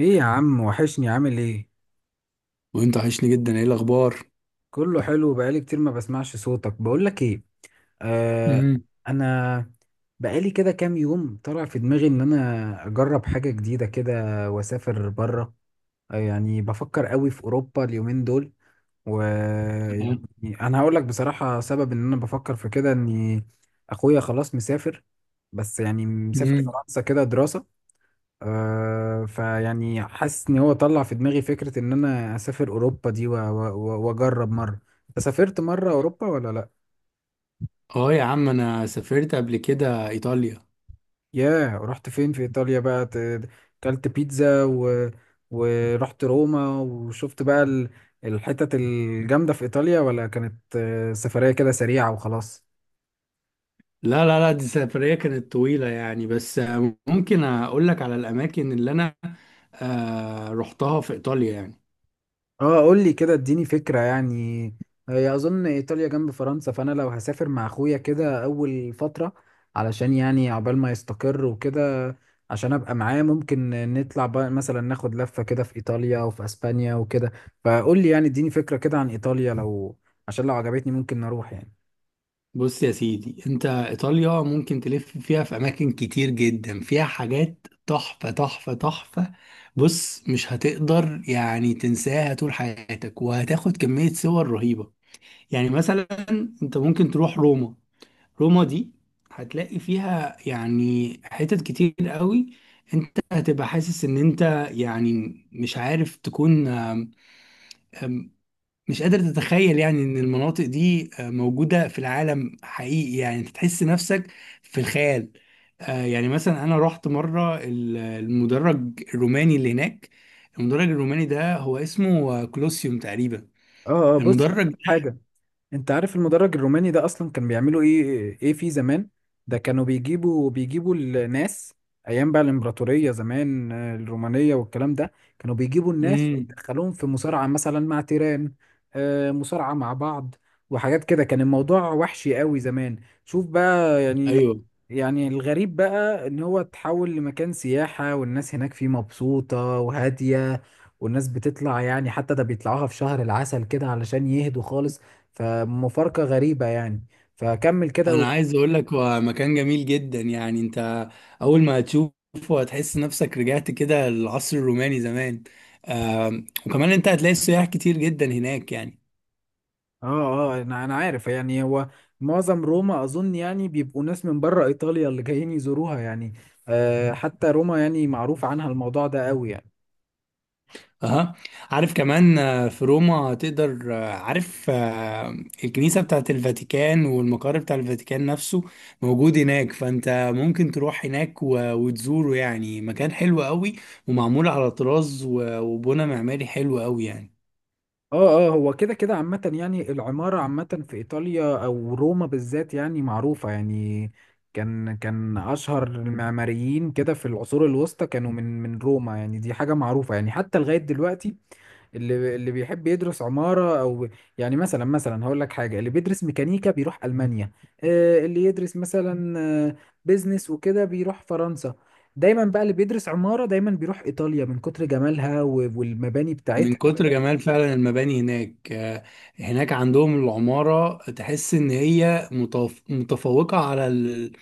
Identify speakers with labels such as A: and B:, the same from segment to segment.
A: ايه يا عم، وحشني. عامل ايه؟
B: وانت وحشني جدا، ايه الاخبار؟
A: كله حلو، بقالي كتير ما بسمعش صوتك. بقولك ايه، آه،
B: امم.
A: انا بقالي كده كام يوم طلع في دماغي ان انا اجرب حاجة جديدة كده واسافر بره. آه يعني بفكر قوي في اوروبا اليومين دول.
B: تمام.
A: ويعني انا هقولك بصراحة سبب ان انا بفكر في كده اني اخويا خلاص مسافر، بس يعني مسافر
B: امم.
A: فرنسا كده دراسة. آه، فيعني حاسس ان هو طلع في دماغي فكرة ان انا اسافر اوروبا دي واجرب مرة. انت سافرت مرة اوروبا ولا لا؟
B: اه يا عم، انا سافرت قبل كده ايطاليا.
A: ياه، رحت فين في ايطاليا بقى كلت بيتزا ورحت روما وشفت بقى الحتت الجامدة في ايطاليا، ولا كانت سفرية كده سريعة وخلاص؟
B: لا لا لا، دي سفرية كانت طويلة يعني، بس ممكن اقول لك على الاماكن اللي انا رحتها في ايطاليا يعني.
A: اه قول لي كده اديني فكرة يعني. هي اظن ايطاليا جنب فرنسا، فانا لو هسافر مع اخويا كده اول فترة علشان يعني عقبال ما يستقر وكده، عشان ابقى معاه. ممكن نطلع بقى مثلا ناخد لفة كده في ايطاليا وفي اسبانيا وكده، فقول لي يعني اديني فكرة كده عن ايطاليا، لو عشان لو عجبتني ممكن نروح يعني.
B: بص يا سيدي، انت ايطاليا ممكن تلف فيها في اماكن كتير جدا، فيها حاجات تحفة تحفة تحفة. بص، مش هتقدر يعني تنساها طول حياتك، وهتاخد كمية صور رهيبة. يعني مثلا، انت ممكن تروح روما. روما دي هتلاقي فيها يعني حتت كتير قوي. انت هتبقى حاسس ان انت يعني مش عارف تكون آم، مش قادر تتخيل يعني ان المناطق دي موجودة في العالم حقيقي، يعني انت تحس نفسك في الخيال. يعني مثلا انا رحت مرة المدرج الروماني اللي هناك. المدرج الروماني ده هو اسمه كولوسيوم تقريبا.
A: اه، بص، أنا
B: المدرج.
A: هقول حاجة. انت عارف المدرج الروماني ده اصلا كان بيعملوا ايه ايه فيه زمان؟ ده كانوا بيجيبوا الناس ايام بقى الامبراطوريه زمان، آه، الرومانيه والكلام ده. كانوا بيجيبوا الناس
B: امم.
A: ويدخلوهم في مصارعه مثلا مع تيران، مصارعه مع بعض وحاجات كده. كان الموضوع وحشي قوي زمان. شوف بقى يعني.
B: ايوه،
A: يعني الغريب بقى ان هو اتحول لمكان سياحه والناس هناك فيه مبسوطه وهاديه، والناس بتطلع يعني، حتى ده بيطلعوها في شهر العسل كده علشان يهدوا خالص. فمفارقة غريبة يعني. فكمل كده
B: انا عايز اقول لك هو مكان جميل جدا. يعني انت اول ما هتشوفه هتحس نفسك رجعت كده للعصر الروماني زمان. وكمان انت هتلاقي سياح كتير جدا هناك يعني.
A: اه اه، انا عارف يعني. هو معظم روما اظن يعني بيبقوا ناس من بره ايطاليا اللي جايين يزوروها يعني. آه، حتى روما يعني معروف عنها الموضوع ده قوي يعني.
B: اها. عارف كمان في روما تقدر عارف الكنيسة بتاعت الفاتيكان والمقر بتاع الفاتيكان نفسه موجود هناك، فانت ممكن تروح هناك وتزوره يعني، مكان حلو قوي ومعمول على طراز وبنى معماري حلو قوي يعني.
A: اه، هو كده كده عامة، يعني العمارة عامة في ايطاليا او روما بالذات يعني معروفة يعني. كان اشهر المعماريين كده في العصور الوسطى كانوا من روما يعني، دي حاجة معروفة يعني حتى لغاية دلوقتي. اللي بيحب يدرس عمارة او يعني مثلا هقول لك حاجة، اللي بيدرس ميكانيكا بيروح ألمانيا، اللي يدرس مثلا، آه، بيزنس وكده بيروح فرنسا. دايما بقى اللي بيدرس عمارة دايما بيروح إيطاليا من كتر جمالها والمباني
B: من
A: بتاعتها.
B: كتر جمال فعلا المباني هناك هناك عندهم العمارة تحس إن هي متفوقة على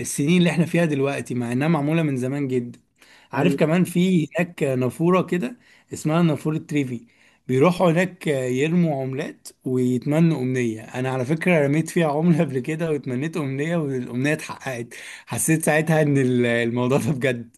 B: السنين اللي احنا فيها دلوقتي، مع إنها معمولة من زمان جدا. عارف
A: ايوه.
B: كمان في هناك نافورة كده اسمها نافورة تريفي. بيروحوا هناك يرموا عملات ويتمنوا أمنية. أنا على فكرة رميت فيها عملة قبل كده واتمنيت أمنية، والأمنية اتحققت. حسيت ساعتها إن الموضوع ده بجد.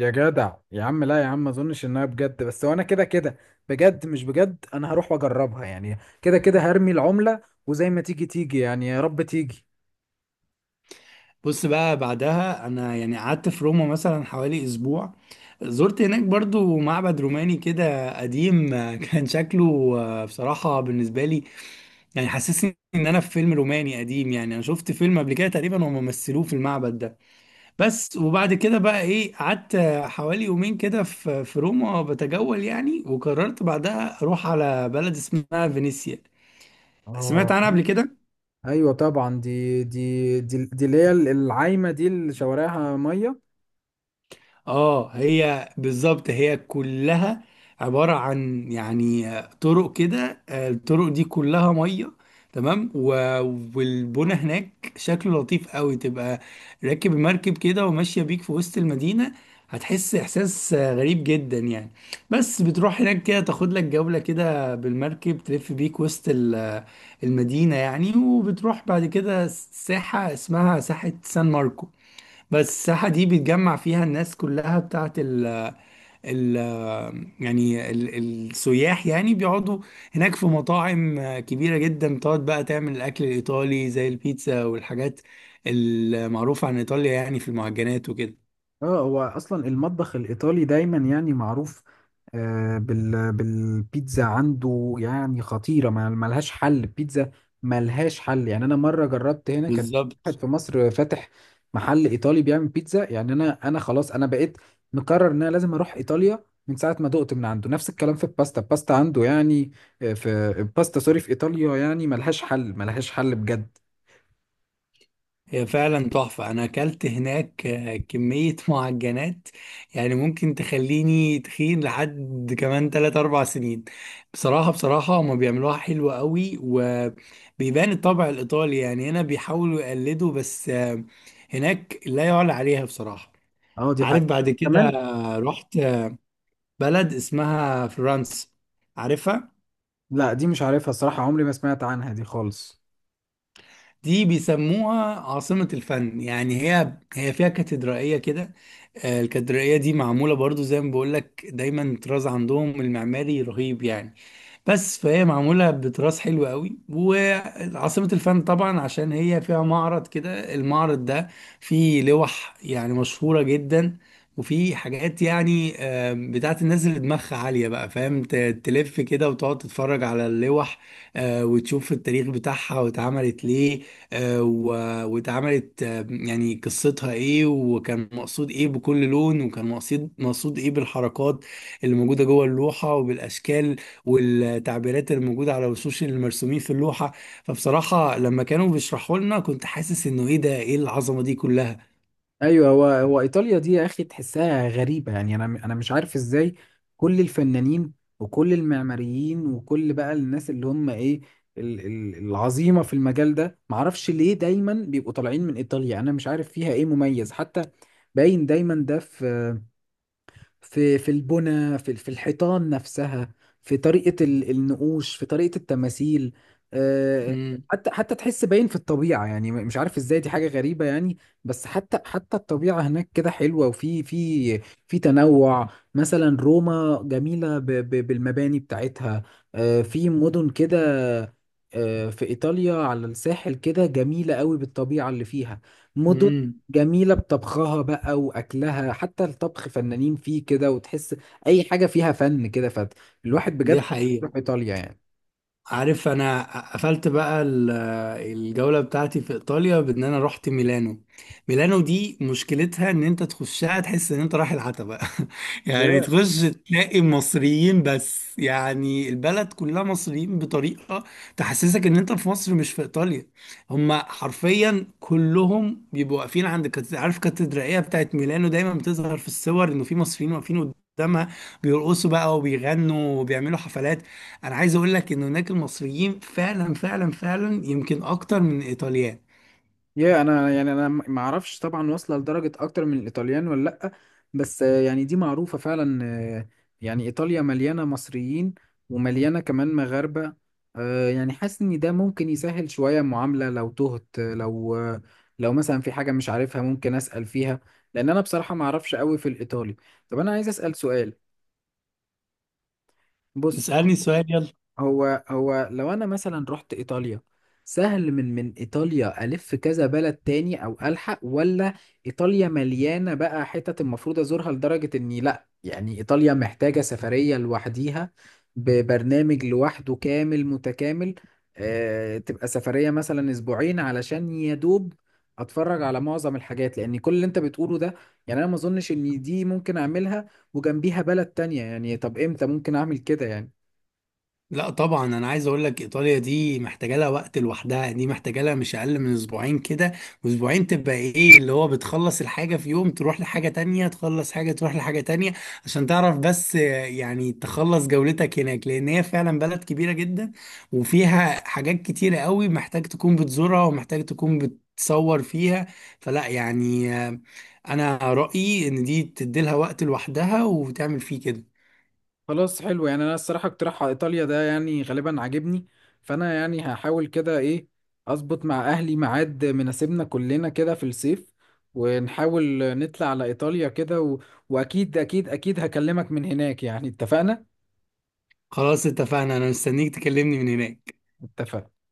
A: يا جدع يا عم، لا يا عم، ما اظنش انها بجد، بس وانا كده كده بجد مش بجد، انا هروح واجربها يعني. كده كده هرمي العملة وزي ما تيجي تيجي يعني، يا رب تيجي.
B: بص بقى، بعدها انا يعني قعدت في روما مثلا حوالي أسبوع. زرت هناك برضو معبد روماني كده قديم كان شكله بصراحة بالنسبة لي يعني حسسني ان انا في فيلم روماني قديم. يعني انا شفت فيلم قبل كده تقريبا هم مثلوه في المعبد ده. بس وبعد كده بقى ايه، قعدت حوالي يومين كده في روما بتجول يعني، وقررت بعدها اروح على بلد اسمها فينيسيا. سمعت
A: اه،
B: عنها قبل كده.
A: ايوه طبعا، دي اللي هي العايمه، دي اللي شوارعها ميه.
B: اه، هي بالظبط، هي كلها عبارة عن يعني طرق كده، الطرق دي كلها مية. تمام. والبنا هناك شكله لطيف قوي. تبقى راكب المركب كده وماشية بيك في وسط المدينة، هتحس إحساس غريب جدا يعني. بس بتروح هناك كده تاخد لك جولة كده بالمركب، تلف بيك وسط المدينة يعني. وبتروح بعد كده ساحة اسمها ساحة سان ماركو. بس الساحة دي بيتجمع فيها الناس كلها بتاعت ال ال السياح يعني، بيقعدوا هناك في مطاعم كبيرة جدا. بتقعد بقى تعمل الأكل الإيطالي زي البيتزا والحاجات المعروفة عن إيطاليا يعني، في المعجنات وكده.
A: اه، هو اصلا المطبخ الايطالي دايما يعني معروف، آه، بالبيتزا عنده يعني خطيره، ما ملهاش حل البيتزا، ملهاش حل يعني. انا مره جربت هنا كان واحد
B: بالظبط،
A: في مصر فاتح محل ايطالي بيعمل بيتزا، يعني انا خلاص انا بقيت مقرر ان انا لازم اروح ايطاليا من ساعه ما دقت من عنده. نفس الكلام في الباستا، عنده يعني، في الباستا، سوري، في ايطاليا يعني ملهاش حل، ملهاش حل بجد.
B: هي فعلا تحفة. أنا أكلت هناك كمية معجنات يعني ممكن تخليني تخين لحد كمان 3 أو 4 سنين. بصراحة هما بيعملوها حلوة قوي، وبيبان الطبع الإيطالي. يعني هنا بيحاولوا يقلدوا، بس هناك لا يعلى عليها بصراحة.
A: اه دي
B: عارف بعد
A: حقيقة
B: كده
A: كمان.
B: رحت بلد اسمها فرنسا. عارفها؟
A: لا دي مش عارفها الصراحة، عمري ما سمعت عنها دي خالص.
B: دي بيسموها عاصمة الفن. يعني هي فيها كاتدرائية كده، الكاتدرائية دي معمولة برضو زي ما بقولك، دايما طراز عندهم المعماري رهيب يعني. بس فهي معمولة بتراث حلو قوي، وعاصمة الفن طبعا عشان هي فيها معرض كده. المعرض ده فيه لوح يعني مشهورة جدا. وفي حاجات يعني بتاعت الناس اللي دماغها عالية بقى، فاهم؟ تلف كده وتقعد تتفرج على اللوح وتشوف التاريخ بتاعها واتعملت ليه، واتعملت يعني قصتها ايه، وكان مقصود ايه بكل لون، وكان مقصود ايه بالحركات اللي موجودة جوه اللوحة، وبالأشكال والتعبيرات الموجودة على وشوش المرسومين في اللوحة. فبصراحة لما كانوا بيشرحوا لنا كنت حاسس انه ايه ده، ايه العظمة دي كلها.
A: ايوه، هو ايطاليا دي يا اخي تحسها غريبة يعني، انا مش عارف ازاي كل الفنانين وكل المعماريين وكل بقى الناس اللي هم ايه، العظيمة في المجال ده، معرفش ليه دايما بيبقوا طالعين من ايطاليا. انا مش عارف فيها ايه مميز. حتى باين دايما ده في في البنى، في الحيطان نفسها، في طريقة النقوش، في طريقة التماثيل، آه،
B: امم.
A: حتى حتى تحس باين في الطبيعة يعني، مش عارف ازاي، دي حاجة غريبة يعني. بس حتى حتى الطبيعة هناك كده حلوة، وفي في تنوع. مثلا روما جميلة بالمباني بتاعتها، آه، في مدن كده، آه، في إيطاليا على الساحل كده جميلة قوي بالطبيعة اللي فيها. مدن
B: امم.
A: جميلة بطبخها بقى وأكلها، حتى الطبخ فنانين فيه كده. وتحس أي حاجة فيها فن كده، فالواحد
B: دي
A: بجد
B: حقيقة.
A: يروح إيطاليا يعني.
B: عارف انا قفلت بقى الجولة بتاعتي في ايطاليا بان انا رحت ميلانو. ميلانو دي مشكلتها ان انت تخشها تحس ان انت رايح العتبة يعني تخش تلاقي مصريين بس، يعني البلد كلها مصريين بطريقة تحسسك ان انت في مصر مش في ايطاليا. هما حرفيا كلهم بيبقوا واقفين عند عارف كاتدرائية بتاعت ميلانو دايما بتظهر في الصور انه في مصريين واقفين قدامها بيرقصوا بقى وبيغنوا وبيعملوا حفلات. انا عايز اقول لك ان هناك المصريين فعلا فعلا فعلا يمكن اكتر من الايطاليان.
A: يا انا يعني، انا ما اعرفش طبعا واصله لدرجه اكتر من الايطاليان ولا لا، بس آه، يعني دي معروفه فعلا، آه، يعني ايطاليا مليانه مصريين، ومليانه كمان مغاربه. آه، يعني حاسس ان ده ممكن يسهل شويه المعامله لو تهت، لو مثلا في حاجه مش عارفها ممكن اسال فيها، لان انا بصراحه ما اعرفش قوي في الايطالي. طب انا عايز اسال سؤال، بص،
B: اسالني السؤال، يلا.
A: هو لو انا مثلا رحت ايطاليا، سهل من ايطاليا الف كذا بلد تاني او الحق، ولا ايطاليا مليانه بقى حتت المفروض ازورها لدرجه اني لا، يعني ايطاليا محتاجه سفريه لوحديها ببرنامج لوحده كامل متكامل، آه تبقى سفريه مثلا اسبوعين علشان يا دوب اتفرج على معظم الحاجات، لان كل اللي انت بتقوله ده، يعني انا ما اظنش ان دي ممكن اعملها وجنبيها بلد تانية يعني؟ طب امتى ممكن اعمل كده يعني؟
B: لا طبعا، انا عايز اقول لك، ايطاليا دي محتاجه لها وقت لوحدها، دي محتاجه لها مش اقل من أسبوعين كده. واسبوعين تبقى ايه، اللي هو بتخلص الحاجه في يوم تروح لحاجه تانية، تخلص حاجه تروح لحاجه تانية عشان تعرف بس يعني تخلص جولتك هناك، لان هي فعلا بلد كبيره جدا وفيها حاجات كتيره قوي محتاج تكون بتزورها ومحتاج تكون بتصور فيها. فلا يعني انا رايي ان دي تديلها وقت لوحدها وتعمل فيه كده.
A: خلاص حلو، يعني انا الصراحه اقتراح على ايطاليا ده يعني غالبا عاجبني، فانا يعني هحاول كده ايه، اظبط مع اهلي ميعاد مناسبنا كلنا كده في الصيف، ونحاول نطلع على ايطاليا كده واكيد اكيد اكيد هكلمك من هناك يعني، اتفقنا.
B: خلاص، اتفقنا. انا مستنيك تكلمني من هناك.
A: اتفقنا.